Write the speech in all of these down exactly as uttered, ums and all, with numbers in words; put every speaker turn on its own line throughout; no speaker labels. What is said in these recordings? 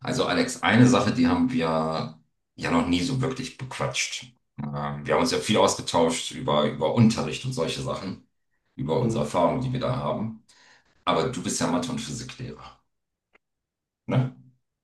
Also Alex, eine Sache, die haben wir ja noch nie so wirklich bequatscht. Ähm, wir haben uns ja viel ausgetauscht über, über Unterricht und solche Sachen, über unsere
Mhm.
Erfahrungen, die wir da haben. Aber du bist ja Mathe- und Physiklehrer, ne?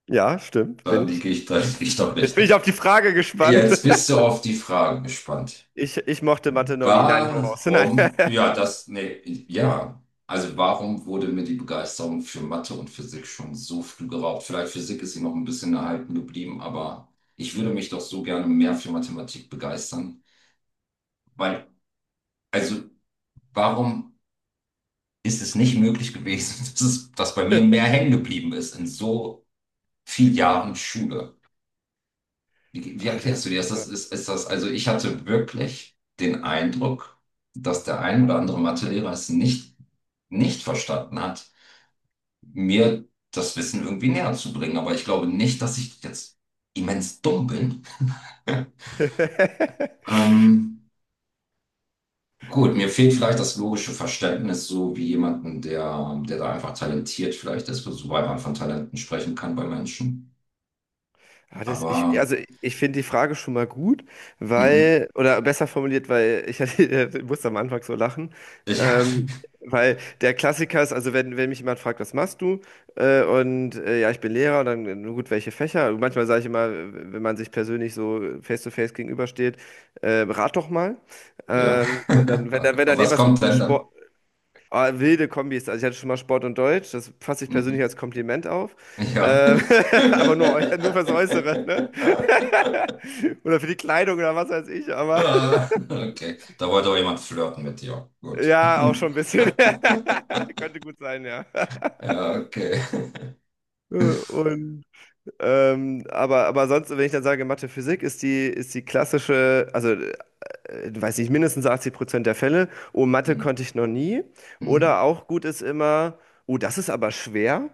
Ja, stimmt,
Da
bin ich.
liege ich, da liege ich doch
Jetzt bin ich
richtig.
auf die Frage gespannt.
Jetzt bist du auf die Frage gespannt.
Ich, ich mochte Mathe noch nie. Nein, hau raus. Nein.
Warum? Ja, das, nee, ja. Also warum wurde mir die Begeisterung für Mathe und Physik schon so früh geraubt? Vielleicht Physik ist sie noch ein bisschen erhalten geblieben, aber ich würde mich doch so gerne mehr für Mathematik begeistern. Weil, also warum ist es nicht möglich gewesen, dass es, dass bei mir mehr hängen geblieben ist in so vielen Jahren Schule? Wie, wie
Ah, das,
erklärst du dir das? Das
ja.
ist, ist das, also ich hatte wirklich den Eindruck, dass der ein oder andere Mathelehrer es nicht, nicht verstanden hat, mir das Wissen irgendwie näher zu bringen. Aber ich glaube nicht, dass ich jetzt immens dumm bin. Ähm, gut, mir fehlt vielleicht das logische Verständnis, so wie jemanden, der, der da einfach talentiert vielleicht ist, soweit man von Talenten sprechen kann bei Menschen.
Ja, das, ich,
Aber
also ich finde die Frage schon mal gut,
mhm.
weil, oder besser formuliert, weil ich, hatte- äh, musste am Anfang so lachen, ähm,
Ja,
weil der Klassiker ist, also wenn, wenn mich jemand fragt, was machst du? Äh, und äh, ja, ich bin Lehrer, und dann, äh, gut, welche Fächer? Manchmal sage ich immer, wenn man sich persönlich so face-to-face gegenübersteht, äh, rat doch mal.
ja.
Ähm, und dann, wenn, dann, wenn dann
Was
irgendwas
kommt
mit
denn
Sport.
dann?
Ah, wilde Kombis. Also ich hatte schon mal Sport und Deutsch. Das fasse ich persönlich
Mhm.
als Kompliment auf.
Ja.
Äh, aber nur, eu- nur fürs Äußere, ne? Oder für die Kleidung oder was weiß ich. Aber
Ah, okay, da wollte auch jemand flirten mit dir. Gut.
ja, auch schon ein bisschen. Könnte gut sein, ja.
Ja, okay.
Äh, Und ähm, aber, aber sonst, wenn ich dann sage, Mathe, Physik ist die, ist die klassische, also äh, weiß nicht, mindestens achtzig Prozent der Fälle. Oh, Mathe
Hm,
konnte ich noch nie. Oder
hm,
auch gut ist immer, oh, das ist aber schwer.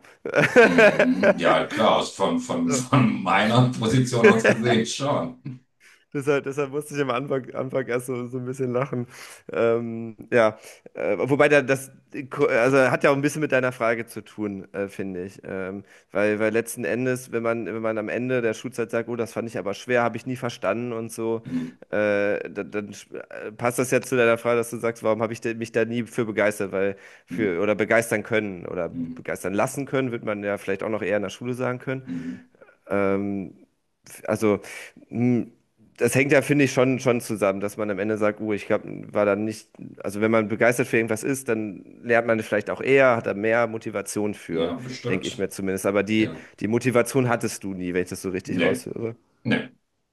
hm. Ja, klar, aus- von, von, von meiner Position aus gesehen schon.
Deshalb, deshalb musste ich am Anfang, Anfang erst so, so ein bisschen lachen. Ähm, ja, äh, wobei da, das also hat ja auch ein bisschen mit deiner Frage zu tun, äh, finde ich. Ähm, weil, weil letzten Endes, wenn man, wenn man am Ende der Schulzeit sagt, oh, das fand ich aber schwer, habe ich nie verstanden und so,
Hm,
äh, dann, dann sch- äh, passt das ja zu deiner Frage, dass du sagst, warum habe ich de- mich da nie für begeistert, weil
hm,
für oder begeistern können oder
hm,
begeistern lassen können, wird man ja vielleicht auch noch eher in der Schule sagen können.
hm.
Ähm, also mh, das hängt ja, finde ich, schon, schon zusammen, dass man am Ende sagt, oh, ich glaub, war dann nicht, also wenn man begeistert für irgendwas ist, dann lernt man es vielleicht auch eher, hat da mehr Motivation
Ja,
für, denke ich
bestimmt.
mir zumindest. Aber die,
Ja.
die Motivation hattest du nie, wenn ich das so richtig
Nee,
raushöre.
nee.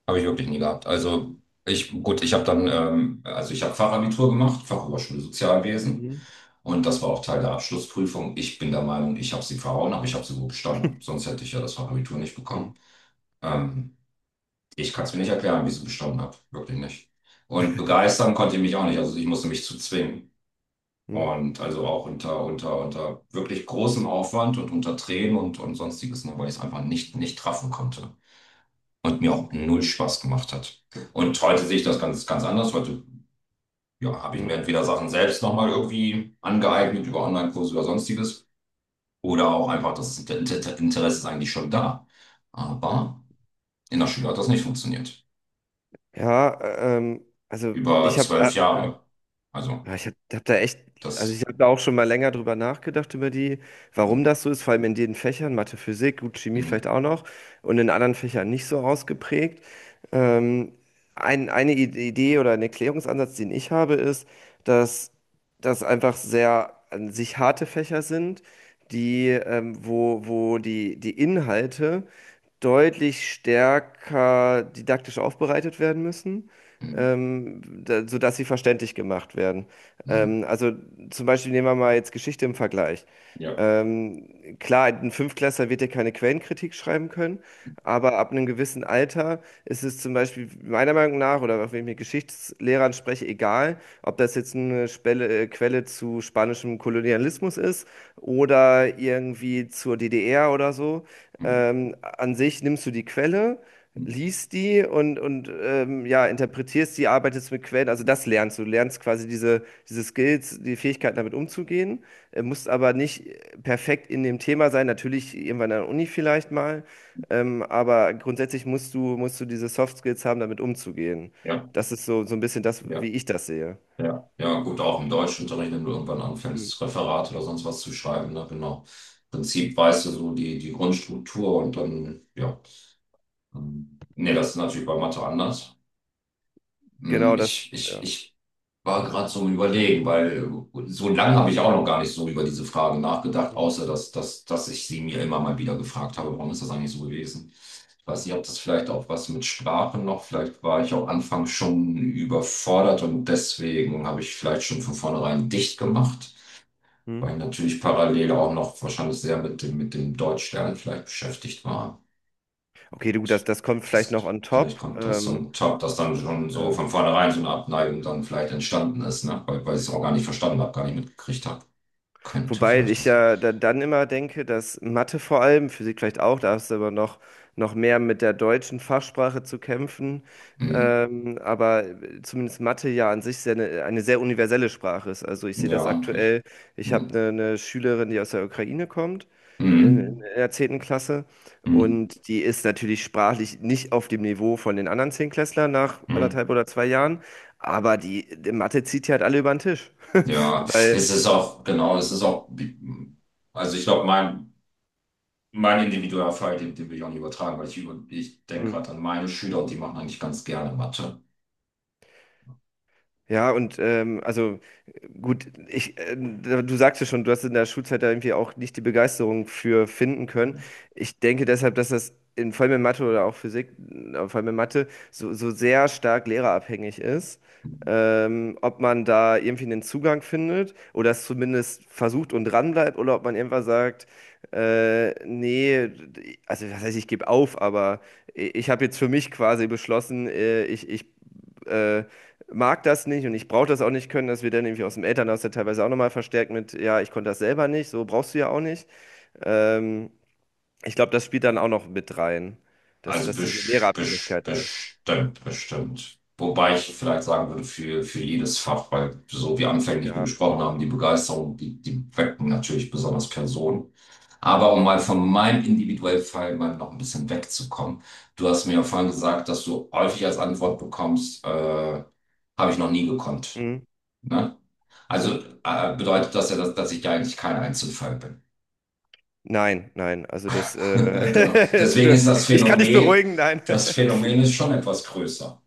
Habe ich wirklich nie gehabt. Also ich, gut, ich habe dann, ähm, also ich habe Fachabitur gemacht, Fachoberschule Sozialwesen.
Mhm.
Und das war auch Teil der Abschlussprüfung. Ich bin der Meinung, ich habe sie verhauen, aber ich habe sie gut bestanden. Sonst hätte ich ja das Fachabitur nicht
Hm,
bekommen. Ähm, Ich kann es mir nicht erklären, wie ich sie bestanden habe. Wirklich nicht. Und begeistern konnte ich mich auch nicht. Also ich musste mich zu zwingen.
hm,
Und also auch unter, unter, unter wirklich großem Aufwand und unter Tränen und, und sonstiges, ne, weil ich es einfach nicht, nicht treffen konnte und mir auch
okay.
null Spaß gemacht hat. Und heute sehe ich das ganz, ganz anders. Heute, ja, habe ich
Hm.
mir entweder Sachen selbst nochmal irgendwie angeeignet über Online-Kurse oder sonstiges oder auch einfach das Inter- Inter- Interesse ist eigentlich schon da. Aber in der Schule hat das nicht funktioniert.
Ja, ähm, also
Über
ich habe,
zwölf
äh,
Jahre. Also,
Ja, ich habe hab hab da echt, also ich
das.
habe da auch schon mal länger drüber nachgedacht, über die, warum
Mm,
das so ist, vor allem in den Fächern, Mathe, Physik, gut, Chemie
mm,
vielleicht auch noch und in anderen Fächern nicht so ausgeprägt. Ähm, ein, eine Ide- Idee oder ein Erklärungsansatz, den ich habe, ist, dass das einfach sehr an sich harte Fächer sind, die, ähm, wo, wo die, die Inhalte deutlich stärker didaktisch aufbereitet werden müssen
mm,
ähm, da, sodass sie verständlich gemacht werden.
mm.
Ähm, also zum Beispiel nehmen wir mal jetzt Geschichte im Vergleich.
Ja.
Ähm, klar, ein Fünftklässler wird ja keine Quellenkritik schreiben können, aber ab einem gewissen Alter ist es zum Beispiel meiner Meinung nach, oder auch wenn ich mit Geschichtslehrern spreche, egal, ob das jetzt eine Spelle, äh, Quelle zu spanischem Kolonialismus ist oder irgendwie zur D D R oder so.
Mm,
Ähm, an sich nimmst du die Quelle
mm,
liest die und, und ähm, ja, interpretierst die, arbeitest mit Quellen, also das lernst du. Du lernst quasi diese, diese Skills, die Fähigkeiten damit umzugehen, äh, musst aber nicht perfekt in dem Thema sein, natürlich irgendwann an der Uni vielleicht mal, ähm, aber grundsätzlich musst du, musst du diese Soft Skills haben, damit umzugehen.
ja.
Das ist so, so ein bisschen das, wie
Ja.
ich das sehe.
Ja, ja, gut, auch im Deutschunterricht, wenn du irgendwann
Mhm.
anfängst, Referat oder sonst was zu schreiben, ne, genau. Im Prinzip weißt du so die, die Grundstruktur und dann, ja. ähm, Nee, das ist natürlich bei Mathe anders. Hm.
Genau, das,
Ich, ich,
ja.
ich war gerade so im Überlegen, weil äh, so lange habe ich auch noch gar nicht so über diese Frage nachgedacht,
Mhm.
außer dass, dass, dass ich sie mir immer mal wieder gefragt habe, warum ist das eigentlich so gewesen? Ich weiß nicht, ob das vielleicht auch was mit Sprachen noch, vielleicht war ich auch anfangs schon überfordert und deswegen habe ich vielleicht schon von vornherein dicht gemacht,
Mhm.
weil ich natürlich parallel auch noch wahrscheinlich sehr mit dem, mit dem Deutschlernen vielleicht beschäftigt war.
Okay, du, das, das kommt vielleicht
Das,
noch on
Vielleicht
top.
kommt das
Ähm,
zum Top, dass dann schon so
äh,
von vornherein so eine Abneigung dann vielleicht entstanden ist, ne? Weil, weil ich es auch gar nicht verstanden habe, gar nicht mitgekriegt habe. Könnte
Wobei
vielleicht auch
ich
sein.
ja da- dann immer denke, dass Mathe vor allem, Physik vielleicht auch, da hast du aber noch, noch mehr mit der deutschen Fachsprache zu kämpfen.
Hm.
Ähm, aber zumindest Mathe ja an sich sehr eine, eine sehr universelle Sprache ist. Also ich sehe
Ja,
das
eigentlich.
aktuell. Ich habe
Hm.
eine, eine Schülerin, die aus der Ukraine kommt, in,
Hm.
in der zehnten Klasse.
Hm.
Und die ist natürlich sprachlich nicht auf dem Niveau von den anderen Zehntklässlern nach
Hm.
anderthalb oder zwei Jahren. Aber die, die Mathe zieht die halt alle über den Tisch.
Ja, es
Weil.
ist auch, genau, es ist auch, also ich glaube, mein, mein individueller Fall, den, den will ich auch nicht übertragen, weil ich, über, ich denke
Hm,
gerade an meine Schüler und die machen eigentlich ganz gerne Mathe.
ja, und ähm, also äh, gut, ich, äh, du sagst ja schon, du hast in der Schulzeit da irgendwie auch nicht die Begeisterung für finden können. Ich denke deshalb, dass das in, vor allem in Mathe oder auch Physik, äh, vor allem in Mathe, so, so sehr stark lehrerabhängig ist. Ähm, ob man da irgendwie einen Zugang findet oder es zumindest versucht und dranbleibt oder ob man irgendwann sagt, äh, nee, also was heißt, ich gebe auf, aber ich, ich habe jetzt für mich quasi beschlossen, äh, ich, ich äh, mag das nicht und ich brauche das auch nicht können, dass wir dann irgendwie aus dem Elternhaus ja teilweise auch nochmal verstärkt mit, ja, ich konnte das selber nicht, so brauchst du ja auch nicht. Ähm, Ich glaube, das spielt dann auch noch mit rein, dass,
Also
dass diese
bes- bes-
Lehrerabhängigkeit da ist.
bestimmt, bestimmt. Wobei ich vielleicht sagen würde, für, für jedes Fach, weil so wie anfänglich wir
Ja.
gesprochen haben, die Begeisterung, die, die wecken natürlich besonders Personen. Aber um mal von meinem individuellen Fall mal noch ein bisschen wegzukommen, du hast mir ja vorhin gesagt, dass du häufig als Antwort bekommst, äh, habe ich noch nie gekonnt.
Hm,
Ne?
hm.
Also äh, bedeutet das ja, dass, dass ich ja eigentlich kein Einzelfall bin.
Nein, nein, also das, äh,
Genau. Deswegen ist das
ich kann dich
Phänomen,
beruhigen, nein.
das Phänomen ist schon etwas größer.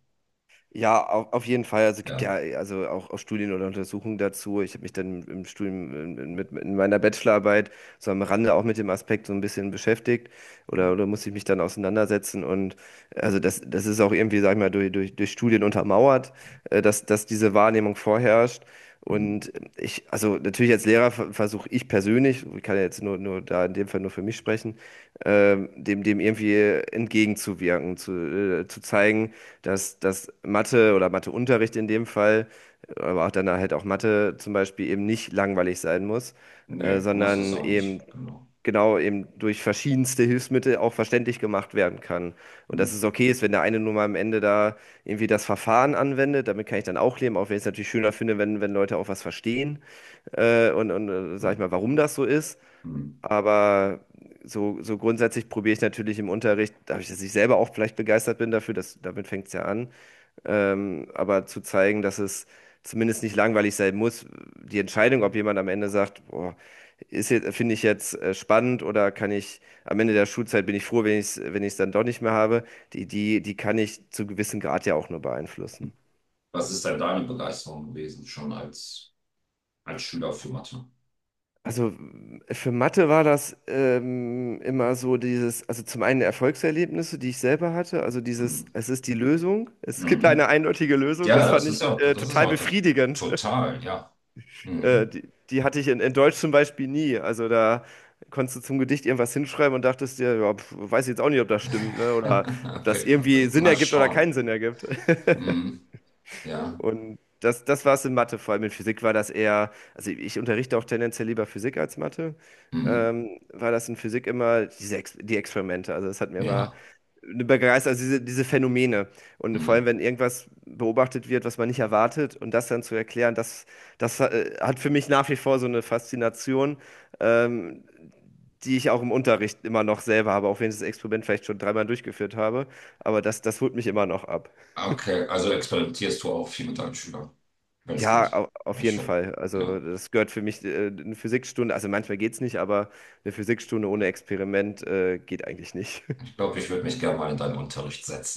Ja, auf, auf jeden Fall. Also es gibt
Ja.
ja also auch, auch Studien oder Untersuchungen dazu. Ich habe mich dann im Studium in- in- mit, in meiner Bachelorarbeit so am Rande auch mit dem Aspekt so ein bisschen beschäftigt oder, oder musste ich mich dann auseinandersetzen. Und also das, das ist auch irgendwie, sag ich mal, durch, durch, durch Studien untermauert, äh, dass, dass diese Wahrnehmung vorherrscht.
Hm.
Und ich, also natürlich als Lehrer ver- versuche ich persönlich, ich kann ja jetzt nur, nur da in dem Fall nur für mich sprechen, ähm, dem, dem irgendwie entgegenzuwirken, zu, äh, zu zeigen, dass, dass Mathe oder Matheunterricht in dem Fall, aber auch dann halt auch Mathe zum Beispiel eben nicht langweilig sein muss, äh,
Nee, muss es
sondern
auch
eben
nicht. Genau.
genau eben durch verschiedenste Hilfsmittel auch verständlich gemacht werden kann. Und
Hm.
dass es okay ist, wenn der eine nur mal am Ende da irgendwie das Verfahren anwendet, damit kann ich dann auch leben, auch wenn ich es natürlich schöner finde, wenn, wenn Leute auch was verstehen äh, und, und äh, sag
Hm.
ich mal, warum das so ist.
Hm.
Aber so, so grundsätzlich probiere ich natürlich im Unterricht, dadurch, dass ich selber auch vielleicht begeistert bin dafür, dass, damit fängt es ja an, ähm, aber zu zeigen, dass es zumindest nicht langweilig sein muss. Die Entscheidung, ob jemand am Ende sagt, boah, ist jetzt, finde ich jetzt äh, spannend oder kann ich am Ende der Schulzeit bin ich froh, wenn ich es, wenn ich es dann doch nicht mehr habe, die, die, die kann ich zu gewissem Grad ja auch nur beeinflussen.
Was ist denn deine Begeisterung gewesen, schon als, als Schüler für Mathe?
Also für Mathe war das ähm, immer so dieses, also zum einen Erfolgserlebnisse, die ich selber hatte, also
Hm.
dieses, es ist die Lösung, es gibt eine
Mhm.
eindeutige Lösung,
Ja,
das
das
fand ich
ist ja,
äh,
das ist ja
total
auch das.
befriedigend.
Total, ja.
Äh,
Mhm.
die, die hatte ich in, in Deutsch zum Beispiel nie. Also da konntest du zum Gedicht irgendwas hinschreiben und dachtest dir, ja, pf, weiß ich jetzt auch nicht, ob das stimmt, ne? Oder ob das
Wir-
irgendwie Sinn
Mal
ergibt oder
schauen.
keinen Sinn ergibt.
Mhm. Ja.
Und das, das war es in Mathe, vor allem in Physik war das eher, also ich unterrichte auch tendenziell lieber Physik als Mathe,
Mhm.
ähm, war das in Physik immer diese Ex die Experimente. Also das hat mir immer
Ja.
eine Begeisterung, also diese, diese Phänomene. Und vor allem,
Mhm.
wenn irgendwas beobachtet wird, was man nicht erwartet, und das dann zu erklären, das, das äh, hat für mich nach wie vor so eine Faszination, ähm, die ich auch im Unterricht immer noch selber habe, auch wenn ich das Experiment vielleicht schon dreimal durchgeführt habe. Aber das, das holt mich immer noch ab.
Okay, also experimentierst du auch viel mit deinen Schülern, wenn es
Ja,
geht.
au- auf
Also
jeden
schon.
Fall. Also
Ja.
das gehört für mich, äh, eine Physikstunde, also manchmal geht's nicht, aber eine Physikstunde ohne Experiment, äh, geht eigentlich nicht.
Ich glaube, ich würde mich gerne mal in deinen Unterricht setzen.